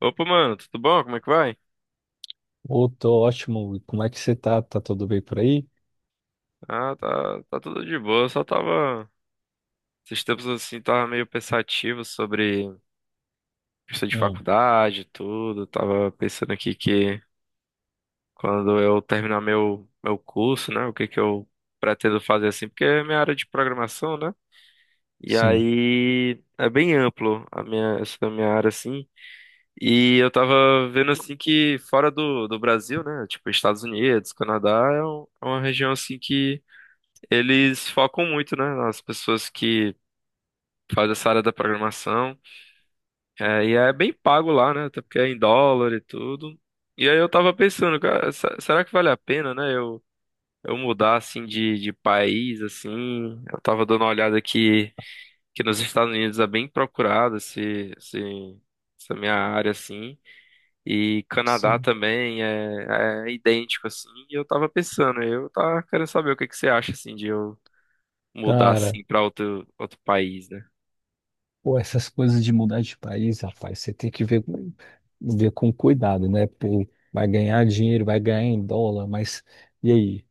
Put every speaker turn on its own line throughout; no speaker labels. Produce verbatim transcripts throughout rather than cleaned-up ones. Opa, mano, tudo bom? Como é que vai?
Ô, tô ótimo. E como é que você tá? Tá tudo bem por aí?
Ah, tá, tá tudo de boa. Eu só tava. Esses tempos assim, tava meio pensativo sobre questão de
Hum,
faculdade e tudo. Tava pensando aqui que quando eu terminar meu, meu curso, né? O que que eu pretendo fazer assim, porque é minha área de programação, né? E
sim,
aí é bem amplo a minha, essa minha área assim. E eu tava vendo assim que fora do, do Brasil, né? Tipo, Estados Unidos, Canadá, é um- é uma região assim que eles focam muito, né, nas pessoas que fazem essa área da programação. É, e é bem pago lá, né? Até porque é em dólar e tudo. E aí eu tava pensando, cara, se- será que vale a pena, né? Eu, eu mudar assim de, de país, assim. Eu tava dando uma olhada aqui que nos Estados Unidos é bem procurado esse, esse, essa minha área, assim. E Canadá
sim.
também é, é idêntico, assim. E eu tava pensando, eu tava querendo saber o que que você acha, assim, de eu mudar
Cara,
assim pra outro, outro país, né?
pô, essas coisas de mudar de país, rapaz, você tem que ver, com- ver com cuidado, né? Pô, vai ganhar dinheiro, vai ganhar em dólar, mas e aí?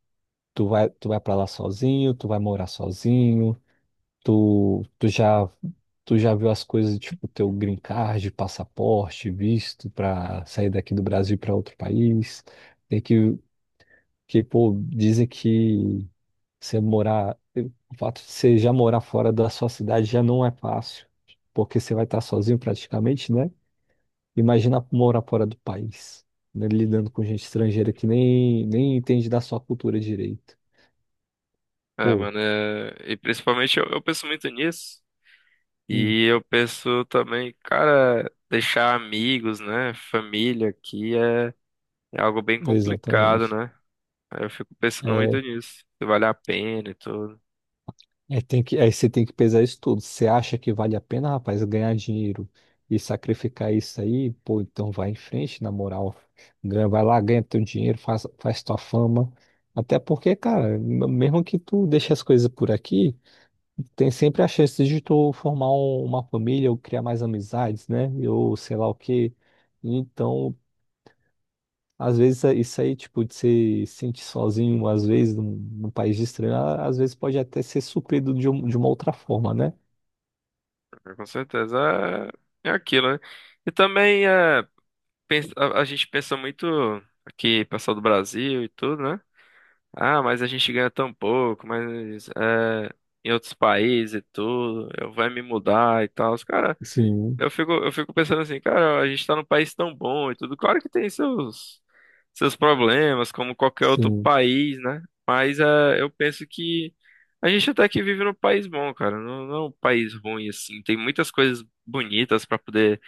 Tu vai, tu vai pra lá sozinho? Tu vai morar sozinho? Tu, tu já, tu já viu as coisas, tipo, teu green card, passaporte, visto pra sair daqui do Brasil pra outro país? Tem que, que, pô, dizem que você morar, o fato de você já morar fora da sua cidade já não é fácil, porque você vai estar sozinho praticamente, né? Imagina morar fora do país, né? Lidando com gente estrangeira que nem, nem entende da sua cultura direito.
É,
Pô,
mano, é... e principalmente eu, eu penso muito nisso.
hum,
E eu penso também, cara, deixar amigos, né? Família aqui é, é algo bem complicado,
exatamente.
né? Aí eu fico pensando
É,
muito nisso, se vale a pena e tudo.
É, tem que, aí você tem que pesar isso tudo. Você acha que vale a pena, rapaz, ganhar dinheiro e sacrificar isso aí? Pô, então vai em frente, na moral. Ganha- Vai lá, ganha teu dinheiro, faz, faz tua fama. Até porque, cara, m- mesmo que tu deixe as coisas por aqui, tem sempre a chance de tu formar um- uma família ou criar mais amizades, né? Ou sei lá o quê. Então, às vezes, é isso aí, tipo, de se sentir sozinho, às vezes, num, num país estranho, a- às vezes pode até ser suprido de, um- de uma outra forma, né?
Mas, com certeza é, é aquilo, né? E também é, pens- a, a gente pensa muito aqui, pessoal do Brasil e tudo, né? Ah, mas a gente ganha tão pouco, mas é, em outros países e tudo, eu vai me mudar e tal. Os cara,
Sim,
eu fico, eu fico pensando assim, cara, a gente tá num país tão bom e tudo. Claro que tem seus, seus problemas, como qualquer outro
sim,
país, né? Mas é, eu penso que a gente até que vive num país bom, cara. Não, não é um país ruim, assim. Tem muitas coisas bonitas pra poder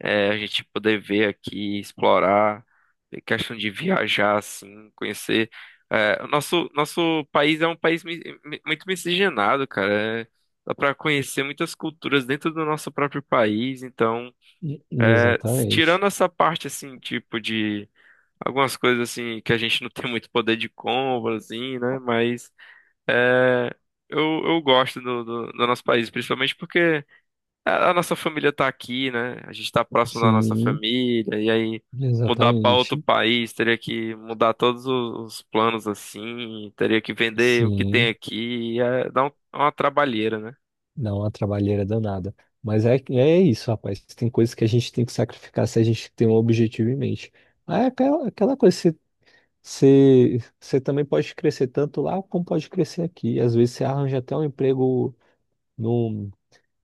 é, a gente poder ver aqui, explorar, é questão de viajar, assim, conhecer. É, o nosso, nosso país é um país mi- mi- muito miscigenado, cara. É, dá para conhecer muitas culturas dentro do nosso próprio país. Então,
e-
é, s- tirando
exatamente.
essa parte, assim, tipo de algumas coisas, assim, que a gente não tem muito poder de compra, assim, né? Mas é, eu, eu gosto do, do do nosso país, principalmente porque. A a nossa família tá aqui, né? A gente tá próximo da nossa
Sim,
família, e aí mudar pra outro
exatamente.
país, teria que mudar todos o- os planos assim, teria que vender o que tem
Sim,
aqui, é, dá um- é uma trabalheira, né?
dá uma trabalheira danada. Mas é, é isso, rapaz. Tem coisas que a gente tem que sacrificar se a gente tem um objetivo em mente. Aí é aquela, aquela coisa, você, você, você também pode crescer tanto lá como pode crescer aqui. Às vezes você arranja até um emprego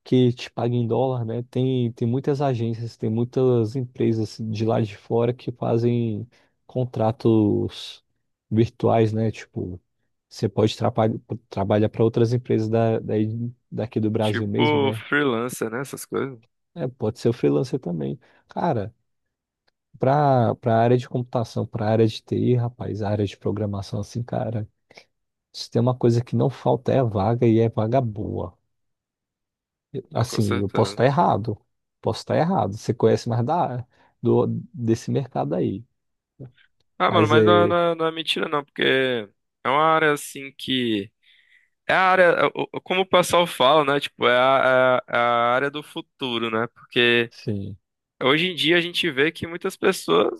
que te paga em dólar, né? Tem, tem muitas agências, tem muitas empresas de lá de fora que fazem contratos virtuais, né? Tipo, você pode trapa- trabalhar para outras empresas da, daí- daqui do Brasil mesmo,
Tipo
né?
freelancer, né? Essas coisas.
É, pode ser o freelancer também. Cara, para para área de computação, para área de T I, rapaz, a área de programação, assim, cara, se tem uma coisa que não falta é vaga e é vaga boa.
Com
Assim, eu posso
certeza.
estar errado. Posso estar errado. Você conhece mais da, do, desse mercado aí.
Ah, mano,
Mas
mas não, é- não,
é.
é não é mentira não, porque é uma área assim que. É a área, é o- o- como o pessoal fala, né? Tipo, é a, é a é a área do futuro, né? Porque
Sim,
hoje em dia a gente vê que muitas pessoas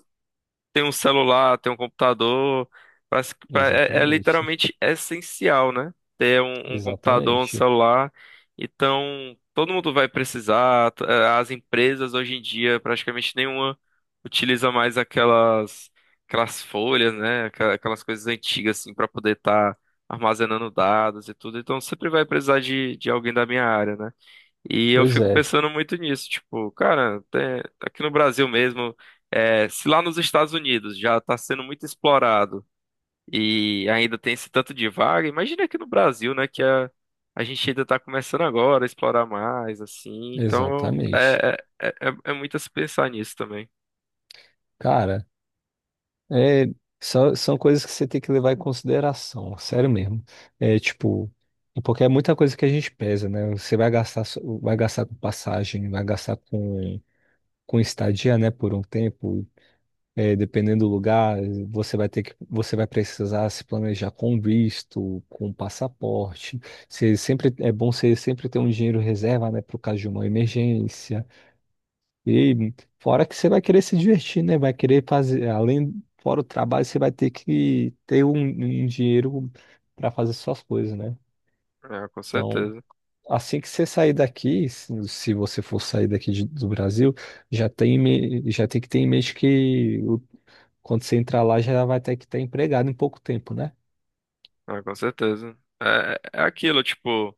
tem um celular, tem um computador. Parece que pra- é, é
exatamente.
literalmente essencial, né? Ter um, um computador, um
Exatamente.
celular. Então, todo mundo vai precisar. t- eh, As empresas hoje em dia, praticamente nenhuma utiliza mais aquelas, aquelas folhas, né? Aquela- Aquelas coisas antigas, assim, para poder estar armazenando dados e tudo. Então, sempre vai precisar de, de alguém da minha área, né? E eu
Pois
fico
é,
pensando muito nisso, tipo, cara, tem- aqui no Brasil mesmo, é, se lá nos Estados Unidos já está sendo muito explorado e ainda tem esse tanto de vaga, imagina aqui no Brasil, né, que a, a gente ainda está começando agora a explorar mais, assim, então
exatamente.
é, é, é, é- é muito a se pensar nisso também.
Cara, é, são, são coisas que você tem que levar em consideração, sério mesmo. É tipo, porque é muita coisa que a gente pesa, né? Você vai gastar, so- vai gastar com passagem, vai gastar com, com estadia, né, por um tempo. É, dependendo do lugar, você vai ter que, você vai precisar se planejar com visto, com passaporte. Você sempre é bom você sempre ter um dinheiro reserva, né, para o caso de uma emergência. E fora que você vai querer se divertir, né? Vai querer fazer, além fora o trabalho, você vai ter que ter um, um dinheiro para fazer suas coisas, né?
É, com
Então,
certeza,
assim que você sair daqui, se se você for sair daqui de- do Brasil, já tem, em me- já tem que ter em mente que quando você entrar lá, já vai ter que estar empregado em pouco tempo, né?
é, com certeza. É, é é aquilo, tipo,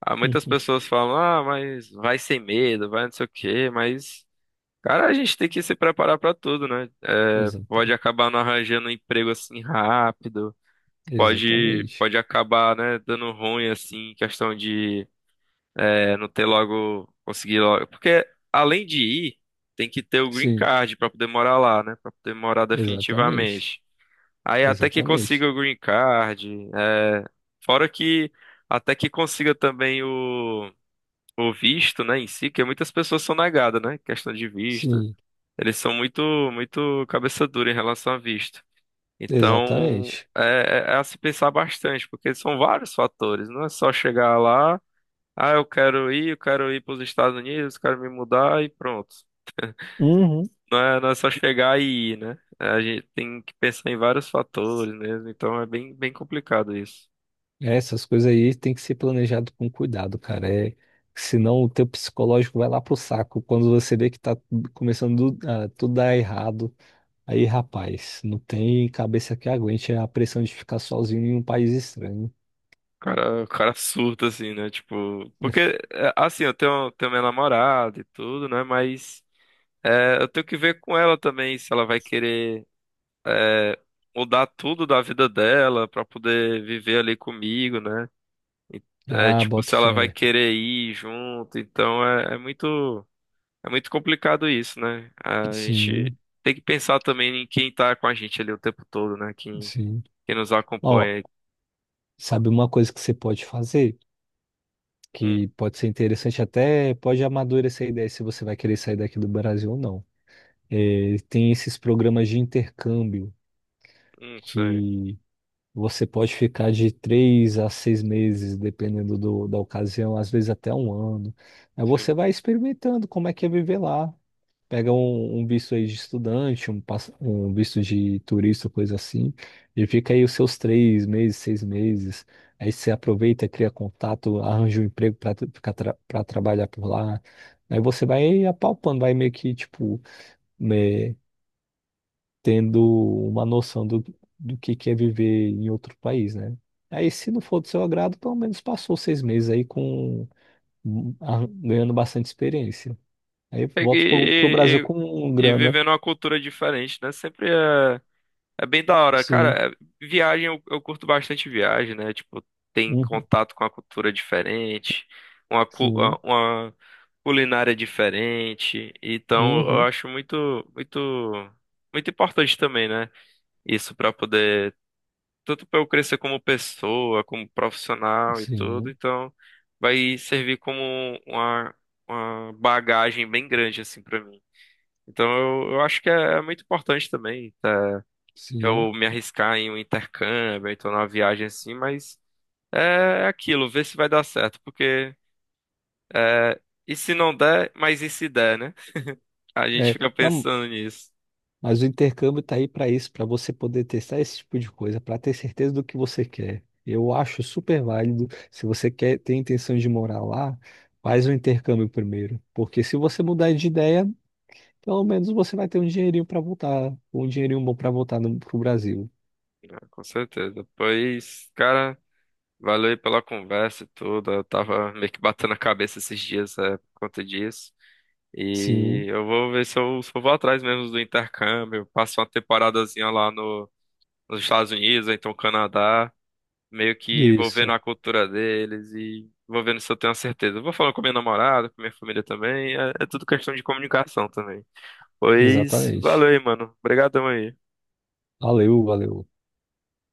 há muitas
Uhum.
pessoas falam, ah, mas vai sem medo, vai não sei o quê, mas. Cara, a gente tem que se preparar pra tudo, né? É, pode
Exata-
acabar não arranjando um emprego assim rápido, pode,
Exatamente.
pode acabar, né, dando ruim assim, questão de é, não ter logo, conseguir logo. Porque além de ir, tem que ter o green
Sim,
card pra poder morar lá, né? Pra poder morar
exatamente.
definitivamente. Aí até que consiga
Exatamente.
o green card, é, fora que até que consiga também o, o visto, né, em si, que muitas pessoas são negadas, né? Questão de visto.
Sim,
Eles são muito, muito cabeça dura em relação a visto. Então,
exatamente.
é, é- é a se pensar bastante, porque são vários fatores. Não é só chegar lá, ah, eu quero ir, eu quero ir para os Estados Unidos, quero me mudar e pronto.
Uhum.
Não é, não é só chegar e ir, né? É, a gente tem que pensar em vários fatores mesmo, então é bem, bem complicado isso.
É, essas coisas aí tem que ser planejado com cuidado, cara. É, senão o teu psicológico vai lá pro saco quando você vê que tá começando do- a tudo dar errado. Aí, rapaz, não tem cabeça que aguente a pressão de ficar sozinho em um país estranho.
O cara, o cara surta, assim, né? Tipo, porque, é, assim, eu tenho, tenho minha namorada e tudo, né? Mas é, eu tenho que ver com ela também se ela vai querer. É, mudar tudo da vida dela pra poder viver ali comigo, né? E, é,
Ah,
tipo,
boto
se ela vai
fé.
querer ir junto, então é, é muito é muito complicado isso, né? A gente
Sim,
tem que pensar também em quem tá com a gente ali o tempo todo, né? Quem,
sim.
quem nos
Ó,
acompanha.
sabe uma coisa que você pode fazer,
Hum,
que pode ser interessante até, pode amadurecer a ideia se você vai querer sair daqui do Brasil ou não. É, tem esses programas de intercâmbio
hum, sei,
que você pode ficar de três a seis meses, dependendo do- da ocasião, às vezes até um ano. Aí
sim.
você vai experimentando como é que é viver lá. Pega um, um visto aí de estudante, um, pass- um visto de turista, coisa assim, e fica aí os seus três meses, seis meses. Aí você aproveita, cria contato, arranja um emprego para ficar tra para trabalhar por lá. Aí você vai apalpando, vai meio que, tipo, né, tendo uma noção do, do que que é viver em outro país, né? Aí, se não for do seu agrado, pelo menos passou seis meses aí com arran- ganhando bastante experiência. Aí
E,
volta pro, pro Brasil
e,
com
e, e
grana.
vivendo uma cultura diferente, né? Sempre é. É bem da hora,
Sim.
cara. é- Viagem, eu, eu curto bastante viagem, né? Tipo, tem
Uhum,
contato com a cultura diferente, uma, cu- a-
sim,
uma culinária diferente. Então, eu
uhum,
acho muito, muito, muito importante também, né? Isso para poder, tanto para eu crescer como pessoa, como profissional e tudo.
sim,
Então, vai servir como uma, uma bagagem bem grande, assim, para mim. Então, eu, eu acho que é, é muito importante também, tá?
sim.
Eu me arriscar em um intercâmbio, então numa viagem assim, mas é é aquilo, ver se vai dar certo, porque é, e se não der, mas e se der, né? A gente
É,
fica
não,
pensando nisso.
mas o intercâmbio está aí para isso, para você poder testar esse tipo de coisa, para ter certeza do que você quer. Eu acho super válido. Se você quer, tem intenção de morar lá, faz o intercâmbio primeiro, porque se você mudar de ideia, pelo menos você vai ter um dinheirinho para voltar, um dinheirinho bom para voltar para o Brasil.
Ah, com certeza. Pois, cara, valeu aí pela conversa e tudo. Eu tava meio que batendo a cabeça esses dias, é, por conta disso. E
Sim,
eu vou ver se eu, se eu vou atrás mesmo do intercâmbio, passo uma temporadazinha lá no, nos Estados Unidos, ou então Canadá. Meio que vou vendo a
isso,
cultura deles e vou vendo se eu tenho a certeza. Eu vou falando com minha namorada, com minha família também, é, é tudo questão de comunicação também. Pois, valeu
exatamente.
aí, mano. Obrigadão aí.
Valeu, valeu.